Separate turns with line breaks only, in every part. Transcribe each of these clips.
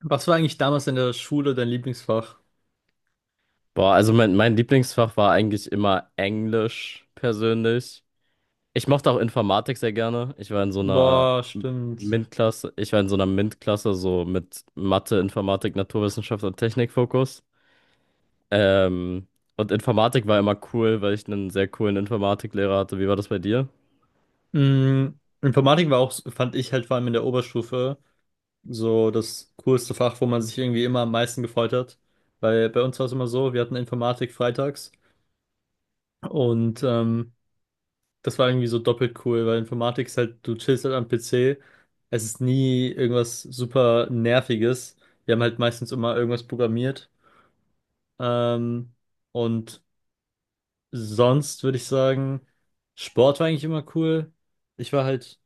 Was war eigentlich damals in der Schule dein Lieblingsfach?
Boah, also mein Lieblingsfach war eigentlich immer Englisch persönlich. Ich mochte auch Informatik sehr gerne. Ich war in so einer
Boah,
M-
stimmt.
MINT-Klasse, ich war in so einer MINT-Klasse, so mit Mathe, Informatik, Naturwissenschaft und Technikfokus. Ähm, und Informatik war immer cool, weil ich einen sehr coolen Informatiklehrer hatte. Wie war das bei dir?
Mm, Informatik war auch, fand ich halt vor allem in der Oberstufe, so das coolste Fach, wo man sich irgendwie immer am meisten gefreut hat. Weil bei uns war es immer so, wir hatten Informatik freitags und das war irgendwie so doppelt cool, weil Informatik ist halt, du chillst halt am PC, es ist nie irgendwas super Nerviges. Wir haben halt meistens immer irgendwas programmiert. Ähm, und Sonst würde ich sagen, Sport war eigentlich immer cool. Ich war halt,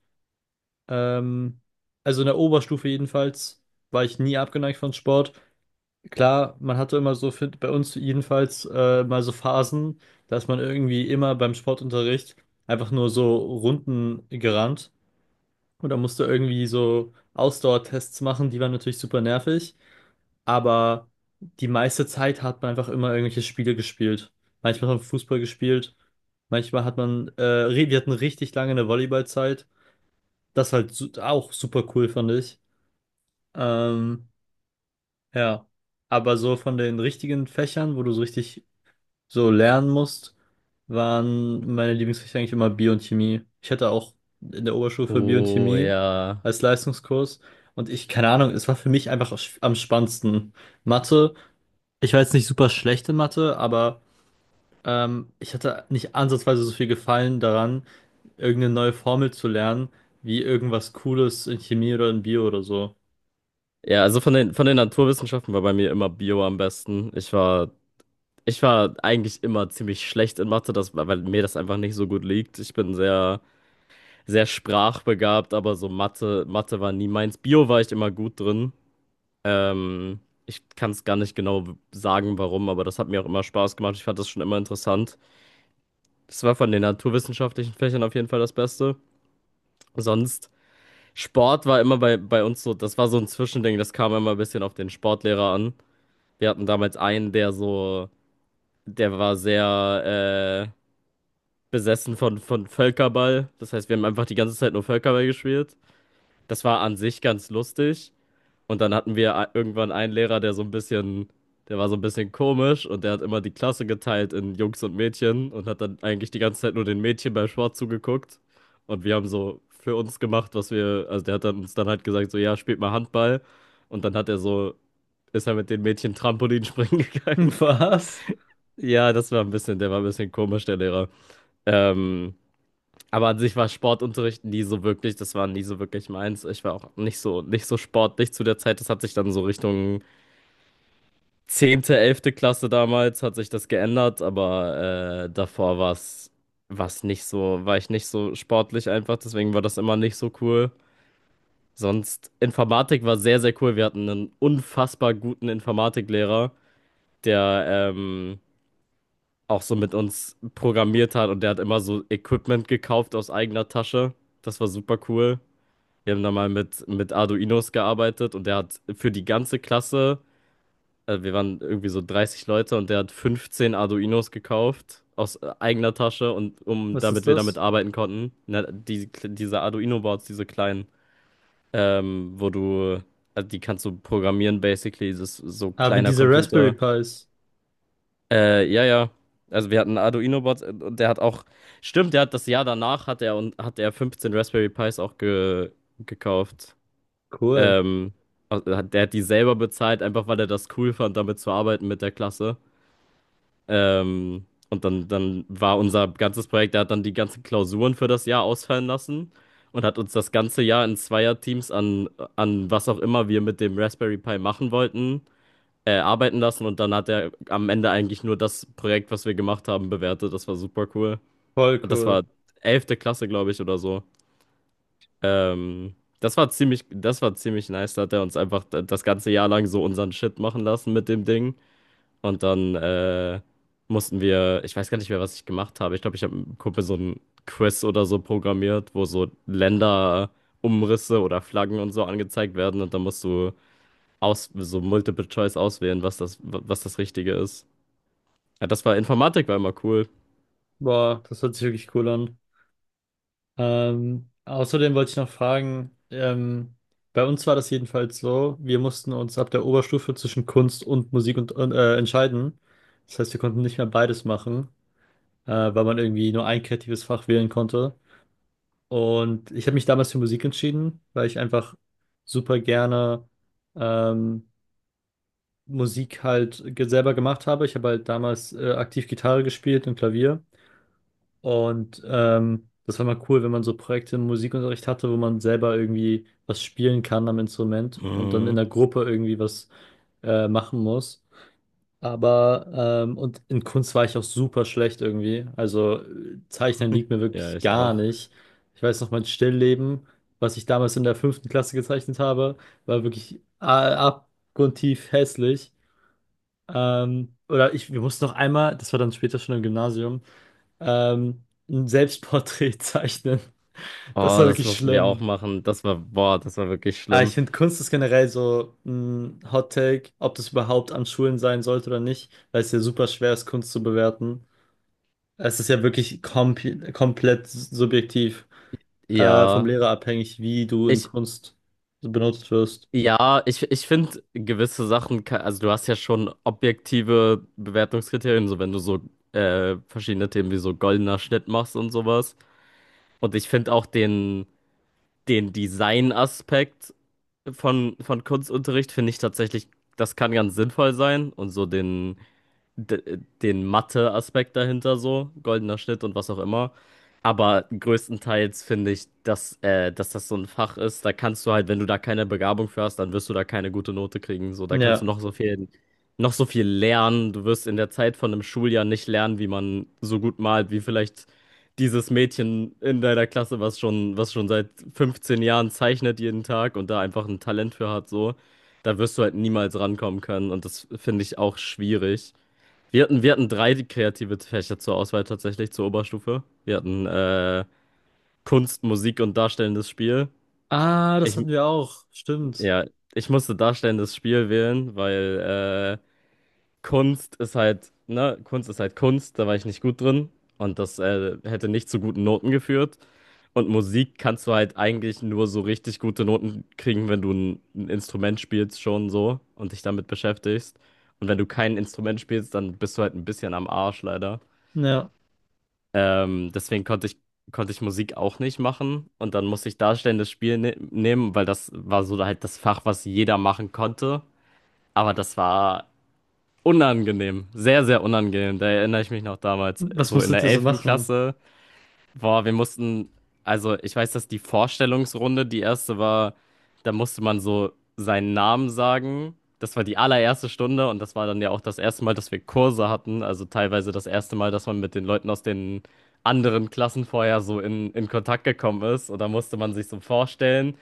ähm, also in der Oberstufe jedenfalls, war ich nie abgeneigt von Sport. Klar, man hatte immer so, für, bei uns jedenfalls, mal so Phasen, dass man irgendwie immer beim Sportunterricht einfach nur so Runden gerannt. Und da musste irgendwie so Ausdauertests machen, die waren natürlich super nervig, aber die meiste Zeit hat man einfach immer irgendwelche Spiele gespielt. Manchmal hat man Fußball gespielt, manchmal hat man, wir hatten richtig lange eine Volleyballzeit. Das halt su auch super cool, fand ich. Ähm, ja. Aber so von den richtigen Fächern, wo du so richtig so lernen musst, waren meine Lieblingsfächer eigentlich immer Bio und Chemie. Ich hatte auch in der Oberstufe Bio und
Oh
Chemie
ja.
als Leistungskurs. Und ich, keine Ahnung, es war für mich einfach am spannendsten. Mathe. Ich war jetzt nicht super schlecht in Mathe, aber ich hatte nicht ansatzweise so viel Gefallen daran, irgendeine neue Formel zu lernen, wie irgendwas Cooles in Chemie oder in Bio oder so.
Ja, also von den Naturwissenschaften war bei mir immer Bio am besten. Ich war eigentlich immer ziemlich schlecht in Mathe, weil mir das einfach nicht so gut liegt. Ich bin sehr, sehr sprachbegabt, aber so Mathe, Mathe war nie meins. Bio war ich immer gut drin. Ähm, Ich kann es gar nicht genau sagen, warum, aber das hat mir auch immer Spaß gemacht. Ich fand das schon immer interessant. Das war von den naturwissenschaftlichen Fächern auf jeden Fall das Beste. Sonst, Sport war immer bei uns so, das war so ein Zwischending, das kam immer ein bisschen auf den Sportlehrer an. Wir hatten damals einen, der war sehr besessen von Völkerball. Das heißt, wir haben einfach die ganze Zeit nur Völkerball gespielt. Das war an sich ganz lustig. Und dann hatten wir irgendwann einen Lehrer, der war so ein bisschen komisch und der hat immer die Klasse geteilt in Jungs und Mädchen und hat dann eigentlich die ganze Zeit nur den Mädchen beim Sport zugeguckt. Und wir haben so für uns gemacht, also der hat dann uns dann halt gesagt, so ja, spielt mal Handball. Und dann ist er mit den Mädchen Trampolin springen
Hm,
gegangen.
was?
Ja, das war der war ein bisschen komisch, der Lehrer. Ähm, aber an sich war Sportunterricht nie so wirklich, das war nie so wirklich meins. Ich war auch nicht so sportlich zu der Zeit. Das hat sich dann so Richtung 10., 11. Klasse damals hat sich das geändert, aber davor war ich nicht so sportlich einfach, deswegen war das immer nicht so cool. Sonst, Informatik war sehr, sehr cool. Wir hatten einen unfassbar guten Informatiklehrer, der ähm, auch so mit uns programmiert hat und der hat immer so Equipment gekauft aus eigener Tasche. Das war super cool. Wir haben da mal mit Arduinos gearbeitet und der hat für die ganze Klasse wir waren irgendwie so 30 Leute und der hat 15 Arduinos gekauft aus eigener Tasche und um
Was
damit
ist
wir damit
das?
arbeiten konnten. Na, diese Arduino-Boards, diese kleinen, ähm, wo du, also die kannst du programmieren, basically, das ist so
Ah, wie
kleiner
diese Raspberry
Computer.
Pis.
Ja, ja. Also wir hatten Arduino-Boards, und der hat auch, stimmt, der hat das Jahr danach hat er und hat er 15 Raspberry Pis auch gekauft.
Cool.
Ähm, also der hat die selber bezahlt, einfach weil er das cool fand, damit zu arbeiten mit der Klasse. Und dann war unser ganzes Projekt, der hat dann die ganzen Klausuren für das Jahr ausfallen lassen und hat uns das ganze Jahr in Zweierteams an was auch immer wir mit dem Raspberry Pi machen wollten, arbeiten lassen. Und dann hat er am Ende eigentlich nur das Projekt, was wir gemacht haben, bewertet. Das war super cool.
Voll
Und das
cool.
war 11. Klasse, glaube ich, oder so. Ähm, das war ziemlich nice. Da hat er uns einfach das ganze Jahr lang so unseren Shit machen lassen mit dem Ding. Und dann ich weiß gar nicht mehr, was ich gemacht habe. Ich glaube, ich habe mit einem Kumpel so ein Quiz oder so programmiert, wo so Länderumrisse oder Flaggen und so angezeigt werden. Und dann musst du so Multiple Choice auswählen, was was das Richtige ist. Ja, das war Informatik, war immer cool.
Boah, das hört sich wirklich cool an. Außerdem wollte ich noch fragen, bei uns war das jedenfalls so, wir mussten uns ab der Oberstufe zwischen Kunst und Musik entscheiden. Das heißt, wir konnten nicht mehr beides machen. Weil man irgendwie nur ein kreatives Fach wählen konnte. Und ich habe mich damals für Musik entschieden, weil ich einfach super gerne ähm, Musik halt selber gemacht habe. Ich habe halt damals aktiv Gitarre gespielt und Klavier. Und das war mal cool, wenn man so Projekte im Musikunterricht hatte, wo man selber irgendwie was spielen kann am Instrument und dann in
Mhm.
der Gruppe irgendwie was machen muss. Aber, in Kunst war ich auch super schlecht irgendwie. Also Zeichnen liegt mir
Ja,
wirklich
ich
gar
auch.
nicht. Ich weiß noch, mein Stillleben, was ich damals in der 5. Klasse gezeichnet habe, war wirklich abgrundtief hässlich. Wir mussten noch einmal, das war dann später schon im Gymnasium, ähm, ein Selbstporträt zeichnen. Das
Oh,
war
das
wirklich
mussten wir auch
schlimm.
machen. Das war, boah, das war wirklich
Aber ich
schlimm.
finde, Kunst ist generell so ein Hot Take, ob das überhaupt an Schulen sein sollte oder nicht, weil es ja super schwer ist, Kunst zu bewerten. Es ist ja wirklich komplett subjektiv, vom
Ja,
Lehrer abhängig, wie du in
ich,
Kunst benutzt wirst.
Ja, ich finde gewisse Sachen, also du hast ja schon objektive Bewertungskriterien, so wenn du so verschiedene Themen wie so goldener Schnitt machst und sowas. Und ich finde auch den Design-Aspekt von Kunstunterricht, finde ich tatsächlich, das kann ganz sinnvoll sein und so den den Mathe-Aspekt dahinter so, goldener Schnitt und was auch immer. Aber größtenteils finde ich, dass das so ein Fach ist, da kannst du halt, wenn du da keine Begabung für hast, dann wirst du da keine gute Note kriegen. So, da kannst du
Ja.
noch so viel lernen. Du wirst in der Zeit von einem Schuljahr nicht lernen, wie man so gut malt, wie vielleicht dieses Mädchen in deiner Klasse, was schon seit 15 Jahren zeichnet jeden Tag und da einfach ein Talent für hat, so. Da wirst du halt niemals rankommen können und das finde ich auch schwierig. Wir hatten drei kreative Fächer zur Auswahl tatsächlich zur Oberstufe. Wir hatten Kunst, Musik und darstellendes Spiel.
Ah, das
Ich,
hatten wir auch. Stimmt.
ja, ich musste darstellendes Spiel wählen, weil Kunst ist halt, ne, Kunst ist halt Kunst, da war ich nicht gut drin und das hätte nicht zu guten Noten geführt. Und Musik kannst du halt eigentlich nur so richtig gute Noten kriegen, wenn du ein Instrument spielst schon so und dich damit beschäftigst. Und wenn du kein Instrument spielst, dann bist du halt ein bisschen am Arsch leider.
Ja.
Deswegen konnte ich Musik auch nicht machen. Und dann musste ich darstellendes Spiel nehmen, weil das war so halt das Fach, was jeder machen konnte. Aber das war unangenehm, sehr, sehr unangenehm. Da erinnere ich mich noch damals,
Was
so in
musstet
der
ihr so
11.
machen?
Klasse. Boah, also ich weiß, dass die Vorstellungsrunde, die erste war, da musste man so seinen Namen sagen. Das war die allererste Stunde und das war dann ja auch das erste Mal, dass wir Kurse hatten. Also teilweise das erste Mal, dass man mit den Leuten aus den anderen Klassen vorher so in Kontakt gekommen ist. Und da musste man sich so vorstellen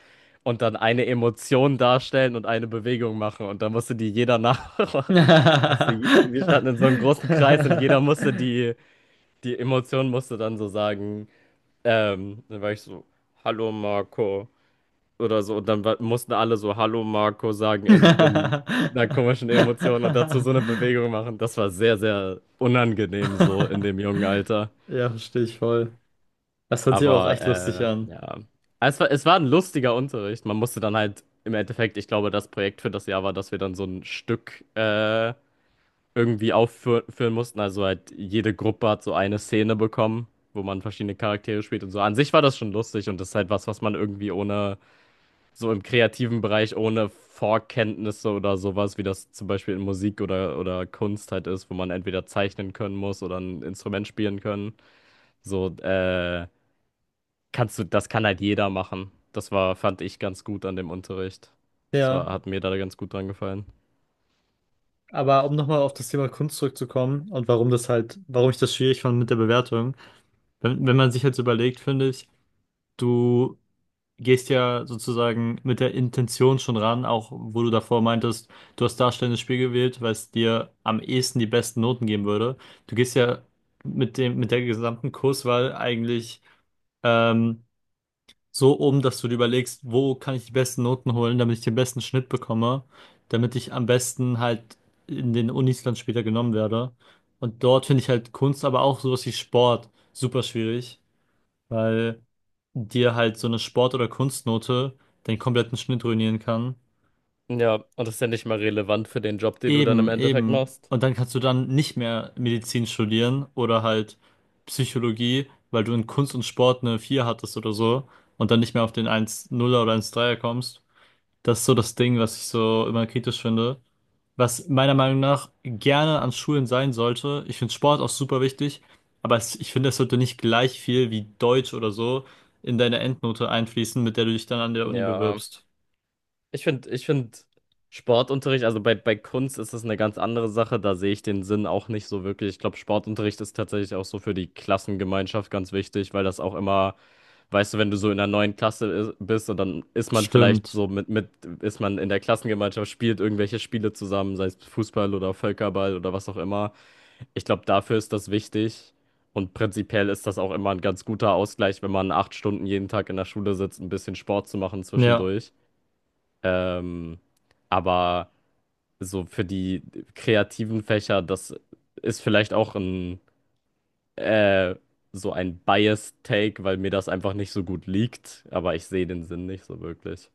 und dann eine Emotion darstellen und eine Bewegung machen. Und da musste die jeder nachmachen. Wir standen in so einem großen Kreis und jeder musste die Emotion musste dann so sagen. Dann war ich so, Hallo Marco oder so. Und dann mussten alle so Hallo Marco sagen in einer komischen Emotion und dazu so eine Bewegung machen. Das war sehr, sehr unangenehm so in dem jungen Alter.
Ja, verstehe ich voll. Das hört sich aber auch echt lustig
Aber
an.
ja, es war ein lustiger Unterricht. Man musste dann halt im Endeffekt, ich glaube, das Projekt für das Jahr war, dass wir dann so ein Stück irgendwie aufführen mussten. Also halt jede Gruppe hat so eine Szene bekommen, wo man verschiedene Charaktere spielt und so. An sich war das schon lustig und das ist halt was, was man irgendwie ohne, so im kreativen Bereich, ohne Vorkenntnisse oder sowas, wie das zum Beispiel in Musik oder Kunst halt ist, wo man entweder zeichnen können muss oder ein Instrument spielen können. So, das kann halt jeder machen. Das war, fand ich ganz gut an dem Unterricht. Das war,
Ja,
hat mir da ganz gut dran gefallen.
aber um nochmal auf das Thema Kunst zurückzukommen und warum das halt, warum ich das schwierig fand mit der Bewertung. Wenn man sich jetzt überlegt, finde ich, du gehst ja sozusagen mit der Intention schon ran, auch wo du davor meintest, du hast darstellendes Spiel gewählt, weil es dir am ehesten die besten Noten geben würde. Du gehst ja mit dem, mit der gesamten Kurswahl eigentlich, ähm, so um, dass du dir überlegst, wo kann ich die besten Noten holen, damit ich den besten Schnitt bekomme, damit ich am besten halt in den Unis dann später genommen werde. Und dort finde ich halt Kunst, aber auch sowas wie Sport super schwierig, weil dir halt so eine Sport- oder Kunstnote den kompletten Schnitt ruinieren kann.
Ja, und das ist ja nicht mal relevant für den Job, den du dann im
Eben,
Endeffekt
eben.
machst.
Und dann kannst du dann nicht mehr Medizin studieren oder halt Psychologie, weil du in Kunst und Sport eine 4 hattest oder so und dann nicht mehr auf den eins 0 er oder eins 3 er kommst. Das ist so das Ding, was ich so immer kritisch finde, was meiner Meinung nach gerne an Schulen sein sollte. Ich finde Sport auch super wichtig, aber es, ich finde, es sollte nicht gleich viel wie Deutsch oder so in deine Endnote einfließen, mit der du dich dann an der Uni
Ja,
bewirbst.
ich finde Sportunterricht, also bei Kunst ist es eine ganz andere Sache, da sehe ich den Sinn auch nicht so wirklich. Ich glaube, Sportunterricht ist tatsächlich auch so für die Klassengemeinschaft ganz wichtig, weil das auch immer, weißt du, wenn du so in einer neuen Klasse bist und dann ist man vielleicht
Stimmt.
so ist man in der Klassengemeinschaft, spielt irgendwelche Spiele zusammen, sei es Fußball oder Völkerball oder was auch immer. Ich glaube, dafür ist das wichtig. Und prinzipiell ist das auch immer ein ganz guter Ausgleich, wenn man 8 Stunden jeden Tag in der Schule sitzt, ein bisschen Sport zu machen
Ja.
zwischendurch. Ähm, aber so für die kreativen Fächer, das ist vielleicht auch ein äh, so ein Biased Take, weil mir das einfach nicht so gut liegt, aber ich sehe den Sinn nicht so wirklich.